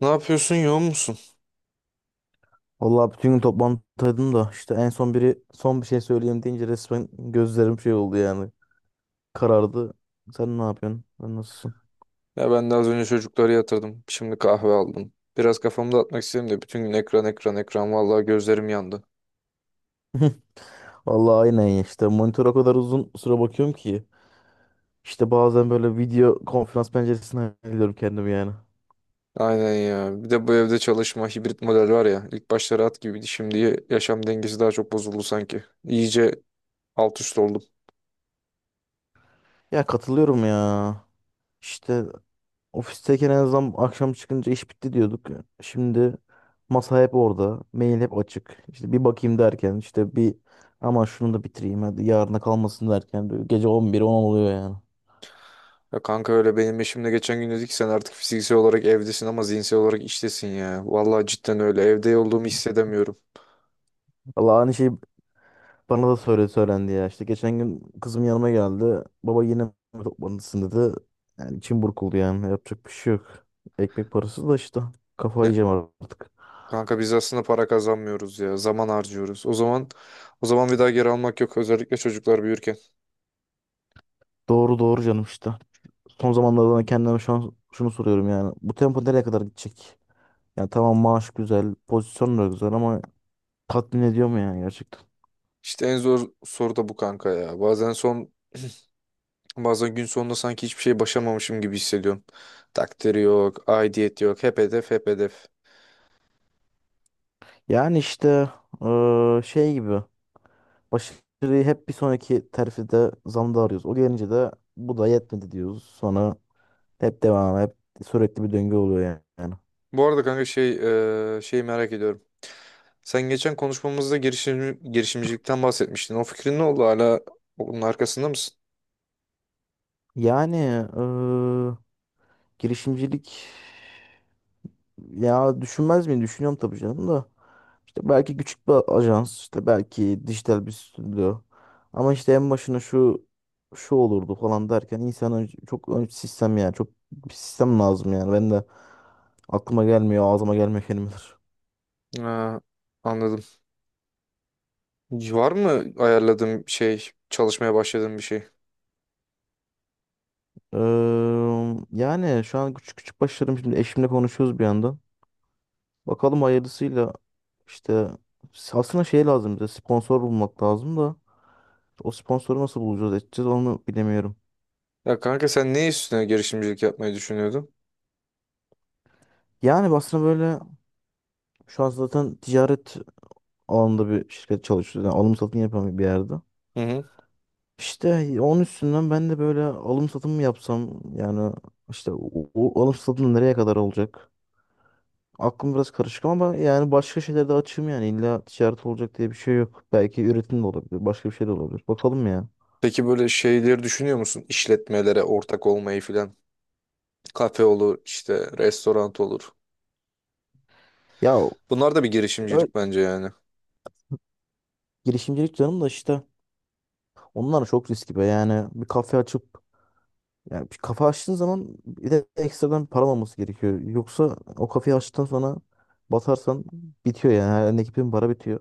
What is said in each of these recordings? Ne yapıyorsun, yoğun musun? Vallahi bütün gün toplantıdaydım da işte en son biri son bir şey söyleyeyim deyince resmen gözlerim şey oldu yani. Karardı. Sen ne yapıyorsun? Sen nasılsın? Ya ben de az önce çocukları yatırdım. Şimdi kahve aldım. Biraz kafamı dağıtmak istedim de bütün gün ekran ekran ekran vallahi gözlerim yandı. Vallahi aynen ya işte monitöre o kadar uzun süre bakıyorum ki. İşte bazen böyle video konferans penceresine alıyorum kendimi yani. Aynen ya. Bir de bu evde çalışma hibrit model var ya. İlk başta rahat gibiydi. Şimdi yaşam dengesi daha çok bozuldu sanki. İyice alt üst oldum. Ya katılıyorum ya. İşte ofisteyken en azından akşam çıkınca iş bitti diyorduk. Şimdi masa hep orada. Mail hep açık. İşte bir bakayım derken işte bir aman şunu da bitireyim hadi yarına kalmasın derken böyle gece 11 10 oluyor yani. Ya kanka öyle benim eşimle geçen gün dedi ki sen artık fiziksel olarak evdesin ama zihinsel olarak iştesin ya. Vallahi cidden öyle. Evde olduğumu hissedemiyorum. Valla aynı şey bana da söylendi ya. İşte geçen gün kızım yanıma geldi. Baba yine mi toplantısın dedi. Yani içim burkuldu yani. Yapacak bir şey yok. Ekmek parası da işte. Kafayı yiyeceğim artık. Kanka biz aslında para kazanmıyoruz ya. Zaman harcıyoruz. O zaman bir daha geri almak yok. Özellikle çocuklar büyürken. Doğru doğru canım işte. Son zamanlarda da kendime şu an şunu soruyorum yani. Bu tempo nereye kadar gidecek? Ya tamam maaş güzel, pozisyon da güzel ama tatmin ediyor mu yani gerçekten? İşte en zor soru da bu kanka ya. Bazen gün sonunda sanki hiçbir şey başamamışım gibi hissediyorum. Takdiri yok, aidiyet yok. Hep hedef, hep hedef. Yani işte şey gibi başarıyı hep bir sonraki terfide zamda arıyoruz. O gelince de bu da yetmedi diyoruz. Sonra hep devam, hep sürekli bir döngü oluyor yani. Bu arada kanka şeyi merak ediyorum. Sen geçen konuşmamızda girişimcilikten bahsetmiştin. O fikrin ne oldu? Hala onun arkasında mısın? Yani eee, girişimcilik. Ya düşünmez miyim? Düşünüyorum tabii canım da. İşte belki küçük bir ajans, işte belki dijital bir stüdyo. Ama işte en başına şu olurdu falan derken insanın çok sistem yani çok bir sistem lazım yani. Ben de aklıma gelmiyor, ağzıma gelmiyor kelimeler. Ha, anladım. Var mı ayarladığın şey, çalışmaya başladığın bir şey? Yani şu an küçük küçük başlarım şimdi eşimle konuşuyoruz bir yandan. Bakalım hayırlısıyla işte aslında şey lazım bize sponsor bulmak lazım da o sponsoru nasıl bulacağız edeceğiz onu bilemiyorum. Ya kanka sen ne üstüne girişimcilik yapmayı düşünüyordun? Yani aslında böyle şu an zaten ticaret alanında bir şirket çalışıyor. Yani alım satım yapan bir yerde. Hı hı. İşte onun üstünden ben de böyle alım satım mı yapsam yani işte o alım satım nereye kadar olacak? Aklım biraz karışık ama yani başka şeyler de açığım yani illa ticaret olacak diye bir şey yok. Belki üretim de olabilir, başka bir şey de olabilir. Bakalım ya. Peki böyle şeyleri düşünüyor musun? İşletmelere ortak olmayı filan. Kafe olur, işte restoran olur. Ya Bunlar da bir ö- girişimcilik bence yani. girişimcilik canım da işte onlar çok riskli be yani bir kafe açıp. Yani bir kafe açtığın zaman bir de ekstradan param olması gerekiyor. Yoksa o kafeyi açtıktan sonra batarsan bitiyor yani. Her elindeki bütün para bitiyor.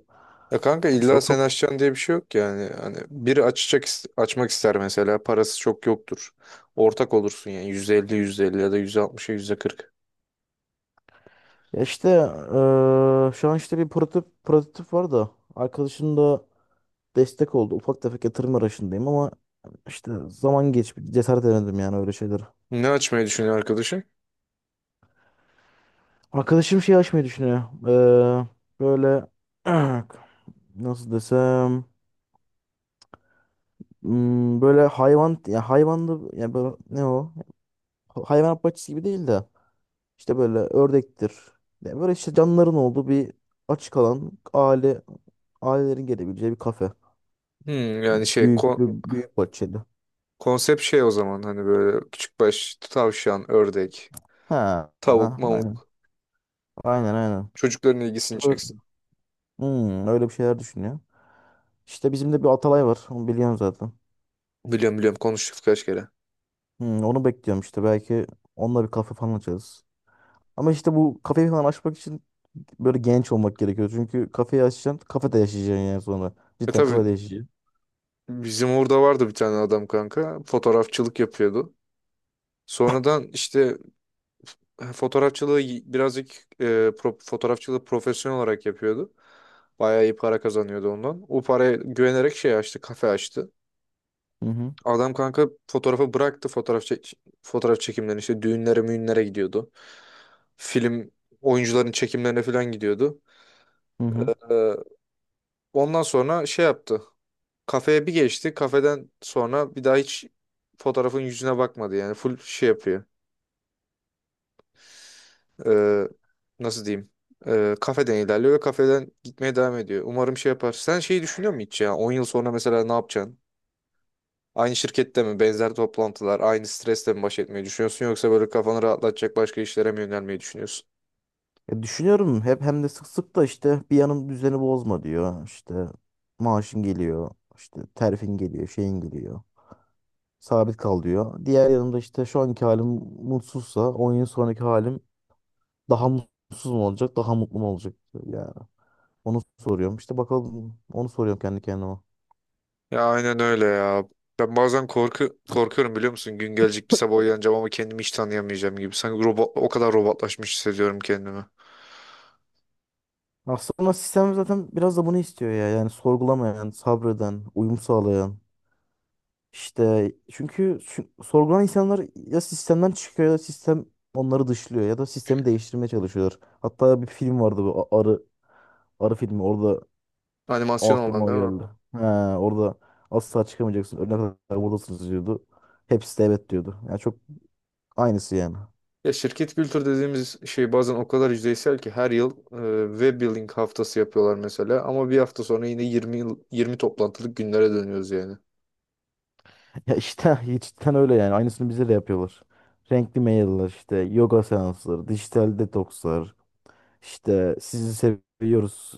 Ya kanka İşte o illa sen kap açacaksın diye bir şey yok yani. Hani biri açacak açmak ister mesela parası çok yoktur. Ortak olursun yani %50 elli ya da %60'a kırk. ya işte şu an işte bir prototip var da arkadaşım da destek oldu. Ufak tefek yatırım arayışındayım ama işte zaman geç cesaret edemedim yani öyle şeyler. Ne açmayı düşünüyor arkadaşın? Arkadaşım şey açmayı düşünüyor. Eee, böyle nasıl desem, hmm, böyle hayvan ya hayvanlı ya böyle ne o? Hayvanat bahçesi gibi değil de işte böyle ördektir. Yani böyle işte canlıların olduğu bir açık alan ailelerin gelebileceği bir kafe. Yani Büyük bir büyük bahçeli. konsept şey o zaman hani böyle küçük baş tavşan, ördek, Ha, tavuk, ha, aynen. mavuk. Aynen, aynen. Çocukların ilgisini İşte böyle, çeksin. hmm, öyle bir şeyler düşünüyor. İşte bizim de bir Atalay var. Onu biliyorum zaten. Biliyorum biliyorum konuştuk kaç kere. Hmm, onu bekliyorum işte. Belki onunla bir kafe falan açarız. Ama işte bu kafeyi falan açmak için böyle genç olmak gerekiyor. Çünkü kafeyi açacaksın, kafede yaşayacaksın yani sonra. E Cidden tabii kafede yaşayacaksın. bizim orada vardı bir tane adam kanka. Fotoğrafçılık yapıyordu. Sonradan işte fotoğrafçılığı birazcık fotoğrafçılığı profesyonel olarak yapıyordu. Bayağı iyi para kazanıyordu ondan. O paraya güvenerek şey açtı, kafe açtı. Hı hı. Adam kanka fotoğrafı bıraktı fotoğraf çekimlerini işte düğünlere müğünlere gidiyordu. Film oyuncuların çekimlerine falan gidiyordu. Hı hı. Ee, Ondan sonra şey yaptı. Kafeye bir geçti. Kafeden sonra bir daha hiç fotoğrafın yüzüne bakmadı. Yani full şey yapıyor. Ee, Nasıl diyeyim? Kafeden ilerliyor ve kafeden gitmeye devam ediyor. Umarım şey yapar. Sen şeyi düşünüyor musun hiç ya? 10 yıl sonra mesela ne yapacaksın? Aynı şirkette mi? Benzer toplantılar, aynı stresle mi baş etmeyi düşünüyorsun? Yoksa böyle kafanı rahatlatacak başka işlere mi yönelmeyi düşünüyorsun? Ya düşünüyorum hep hem de sık sık da işte bir yanım düzeni bozma diyor. İşte maaşın geliyor, işte terfin geliyor, şeyin geliyor. Sabit kal diyor. Diğer yanımda işte şu anki halim mutsuzsa 10 yıl sonraki halim daha mutsuz mu olacak, daha mutlu mu olacak? Yani onu soruyorum. İşte bakalım onu soruyorum kendi kendime. Ya aynen öyle ya. Ben bazen korkuyorum biliyor musun? Gün gelecek bir sabah uyanacağım ama kendimi hiç tanıyamayacağım gibi. Sanki robot, o kadar robotlaşmış hissediyorum kendimi. Aslında sistem zaten biraz da bunu istiyor ya. Yani sorgulamayan, sabreden, uyum sağlayan. İşte çünkü sorgulanan insanlar ya sistemden çıkıyor ya da sistem onları dışlıyor ya da sistemi değiştirmeye çalışıyorlar. Hatta bir film vardı bu Arı Arı filmi, orada o Animasyon olan aklıma değil mi? geldi. He, orada asla çıkamayacaksın. Ölene kadar buradasınız diyordu. Hepsi de evet diyordu. Yani çok aynısı yani. Ya şirket kültür dediğimiz şey bazen o kadar yüzeysel ki her yıl web building haftası yapıyorlar mesela ama bir hafta sonra yine 20 yıl 20 toplantılık günlere dönüyoruz yani. Ya işte cidden öyle yani. Aynısını bize de yapıyorlar. Renkli mailler işte yoga seansları, dijital detokslar, işte sizi seviyoruz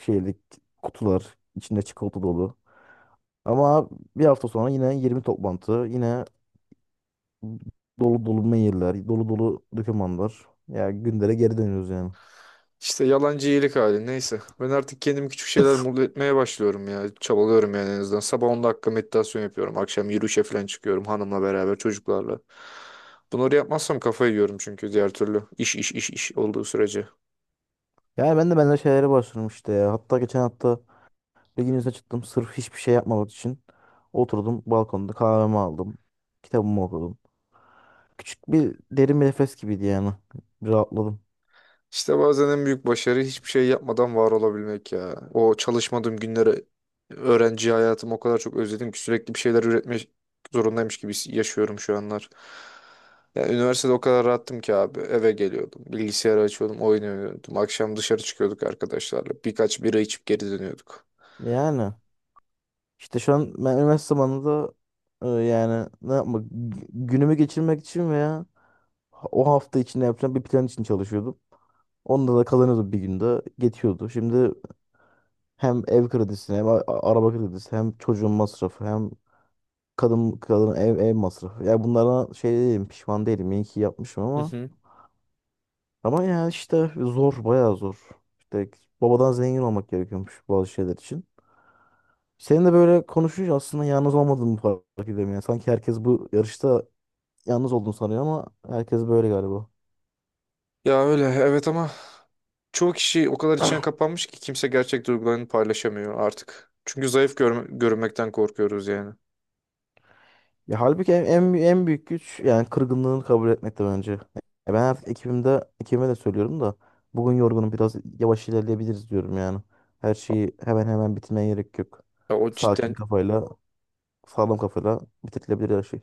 şeylik kutular içinde çikolata dolu. Ama bir hafta sonra yine 20 toplantı, yine dolu dolu mailler, dolu dolu dokümanlar. Ya gündere geri dönüyoruz yani. İşte yalancı iyilik hali neyse. Ben artık kendimi küçük şeyler mutlu etmeye başlıyorum ya. Çabalıyorum yani en azından. Sabah 10 dakika meditasyon yapıyorum. Akşam yürüyüşe falan çıkıyorum hanımla beraber çocuklarla. Bunları yapmazsam kafayı yiyorum çünkü diğer türlü. İş iş iş iş olduğu sürece. Yani ben de benzer şeylere başladım işte ya. Hatta geçen hafta bir gün izne çıktım sırf hiçbir şey yapmamak için. Oturdum balkonda kahvemi aldım. Kitabımı okudum. Küçük bir derin bir nefes gibiydi yani. Bir rahatladım. İşte bazen en büyük başarı hiçbir şey yapmadan var olabilmek ya. O çalışmadığım günleri, öğrenci hayatımı o kadar çok özledim ki sürekli bir şeyler üretmek zorundaymış gibi yaşıyorum şu anlar. Yani üniversitede o kadar rahattım ki abi. Eve geliyordum, bilgisayarı açıyordum, oyun oynuyordum. Akşam dışarı çıkıyorduk arkadaşlarla. Birkaç bira içip geri dönüyorduk. Yani işte şu an ben üniversite zamanında yani ne yapmak günümü geçirmek için veya o hafta içinde yapacağım bir plan için çalışıyordum. Onda da kazanıyordum bir günde. Geçiyordu. Şimdi hem ev kredisi hem araba kredisi hem çocuğun masrafı hem kadın ev masrafı. Ya bunlara şey değilim, pişman değilim. İyi ki yapmışım Hı ama hı. ama ya işte zor, bayağı zor. İşte babadan zengin olmak gerekiyormuş bazı şeyler için. Senin de böyle konuşunca aslında yalnız olmadığımı fark ediyorum yani. Sanki herkes bu yarışta yalnız olduğunu sanıyor ama herkes böyle galiba. Ya öyle evet, ama çoğu kişi o kadar içine kapanmış ki kimse gerçek duygularını paylaşamıyor artık. Çünkü zayıf görünmekten korkuyoruz yani. Ya halbuki en büyük güç yani kırgınlığını kabul etmek de bence. Ya ben artık ekibime de söylüyorum da bugün yorgunum biraz yavaş ilerleyebiliriz diyorum yani. Her şeyi hemen hemen bitirmeye gerek yok. Ya o Sakin cidden kafayla, sağlam kafayla bitirilebilir her şey.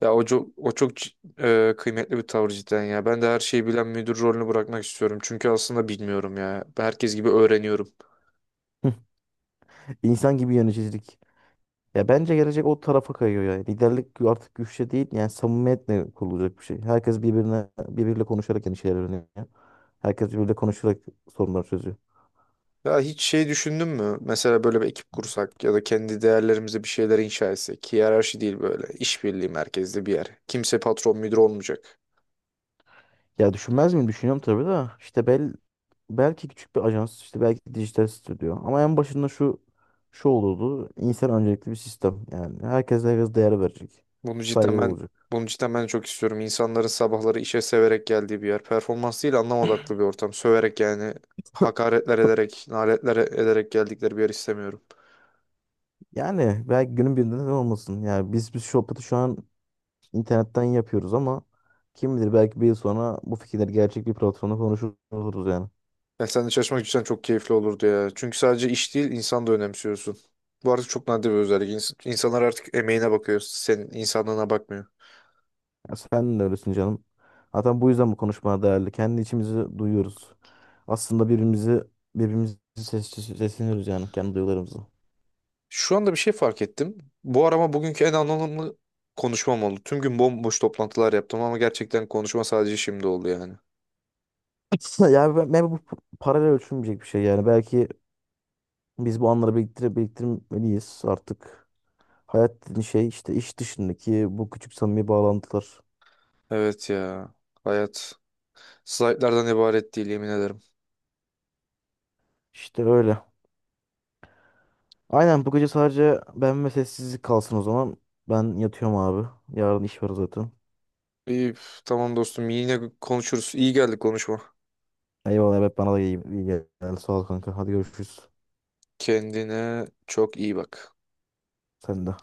ya. O çok kıymetli bir tavır cidden ya. Ben de her şeyi bilen müdür rolünü bırakmak istiyorum. Çünkü aslında bilmiyorum ya. Ben herkes gibi öğreniyorum. İnsan gibi yöneticilik. Ya bence gelecek o tarafa kayıyor yani. Liderlik artık güçle değil yani samimiyetle kurulacak bir şey. Herkes birbiriyle konuşarak yeni şeyler öğreniyor. Herkes birbiriyle konuşarak sorunları çözüyor. Ya hiç şey düşündün mü? Mesela böyle bir ekip kursak ya da kendi değerlerimize bir şeyler inşa etsek. Hiyerarşi değil böyle. İşbirliği merkezli bir yer. Kimse patron müdür olmayacak. Ya düşünmez miyim? Düşünüyorum tabii de. İşte belki küçük bir ajans, işte belki dijital stüdyo. Ama en başında şu olurdu. İnsan öncelikli bir sistem. Yani herkes değer verecek. Bunu cidden Saygılı ben olacak. Bunu cidden ben çok istiyorum. İnsanların sabahları işe severek geldiği bir yer. Performans değil anlam odaklı bir ortam. Söverek yani hakaretler ederek, naletler ederek geldikleri bir yer istemiyorum. Yani belki günün birinde neden olmasın. Yani biz Şopat'ı şu an internetten yapıyoruz ama kim bilir belki 1 yıl sonra bu fikirler gerçek bir platformda konuşuruz yani. Ya sen de çalışmak cidden çok keyifli olurdu ya. Çünkü sadece iş değil insan da önemsiyorsun. Bu artık çok nadir bir özellik. İnsanlar artık emeğine bakıyor. Senin insanlığına bakmıyor. Ya sen de öylesin canım. Zaten bu yüzden bu konuşma değerli. Kendi içimizi duyuyoruz. Aslında birbirimizi sesleniyoruz yani kendi duygularımızı. Şu anda bir şey fark ettim. Bu arama bugünkü en anlamlı konuşmam oldu. Tüm gün bomboş toplantılar yaptım ama gerçekten konuşma sadece şimdi oldu yani. Yani ben bu paralel ölçülmeyecek bir şey yani. Belki biz bu anları biriktirmeliyiz artık. Hayat dediğin şey işte iş dışındaki bu küçük samimi bağlantılar. Evet ya. Hayat. Slaytlardan ibaret değil yemin ederim. İşte öyle. Aynen bu gece sadece ben ve sessizlik kalsın o zaman. Ben yatıyorum abi. Yarın iş var zaten. İyi, üf, tamam dostum yine konuşuruz. İyi geldi konuşma. Eyvallah, evet bana da iyi gel. Sağ ol kanka. Hadi görüşürüz. Kendine çok iyi bak. Sen de.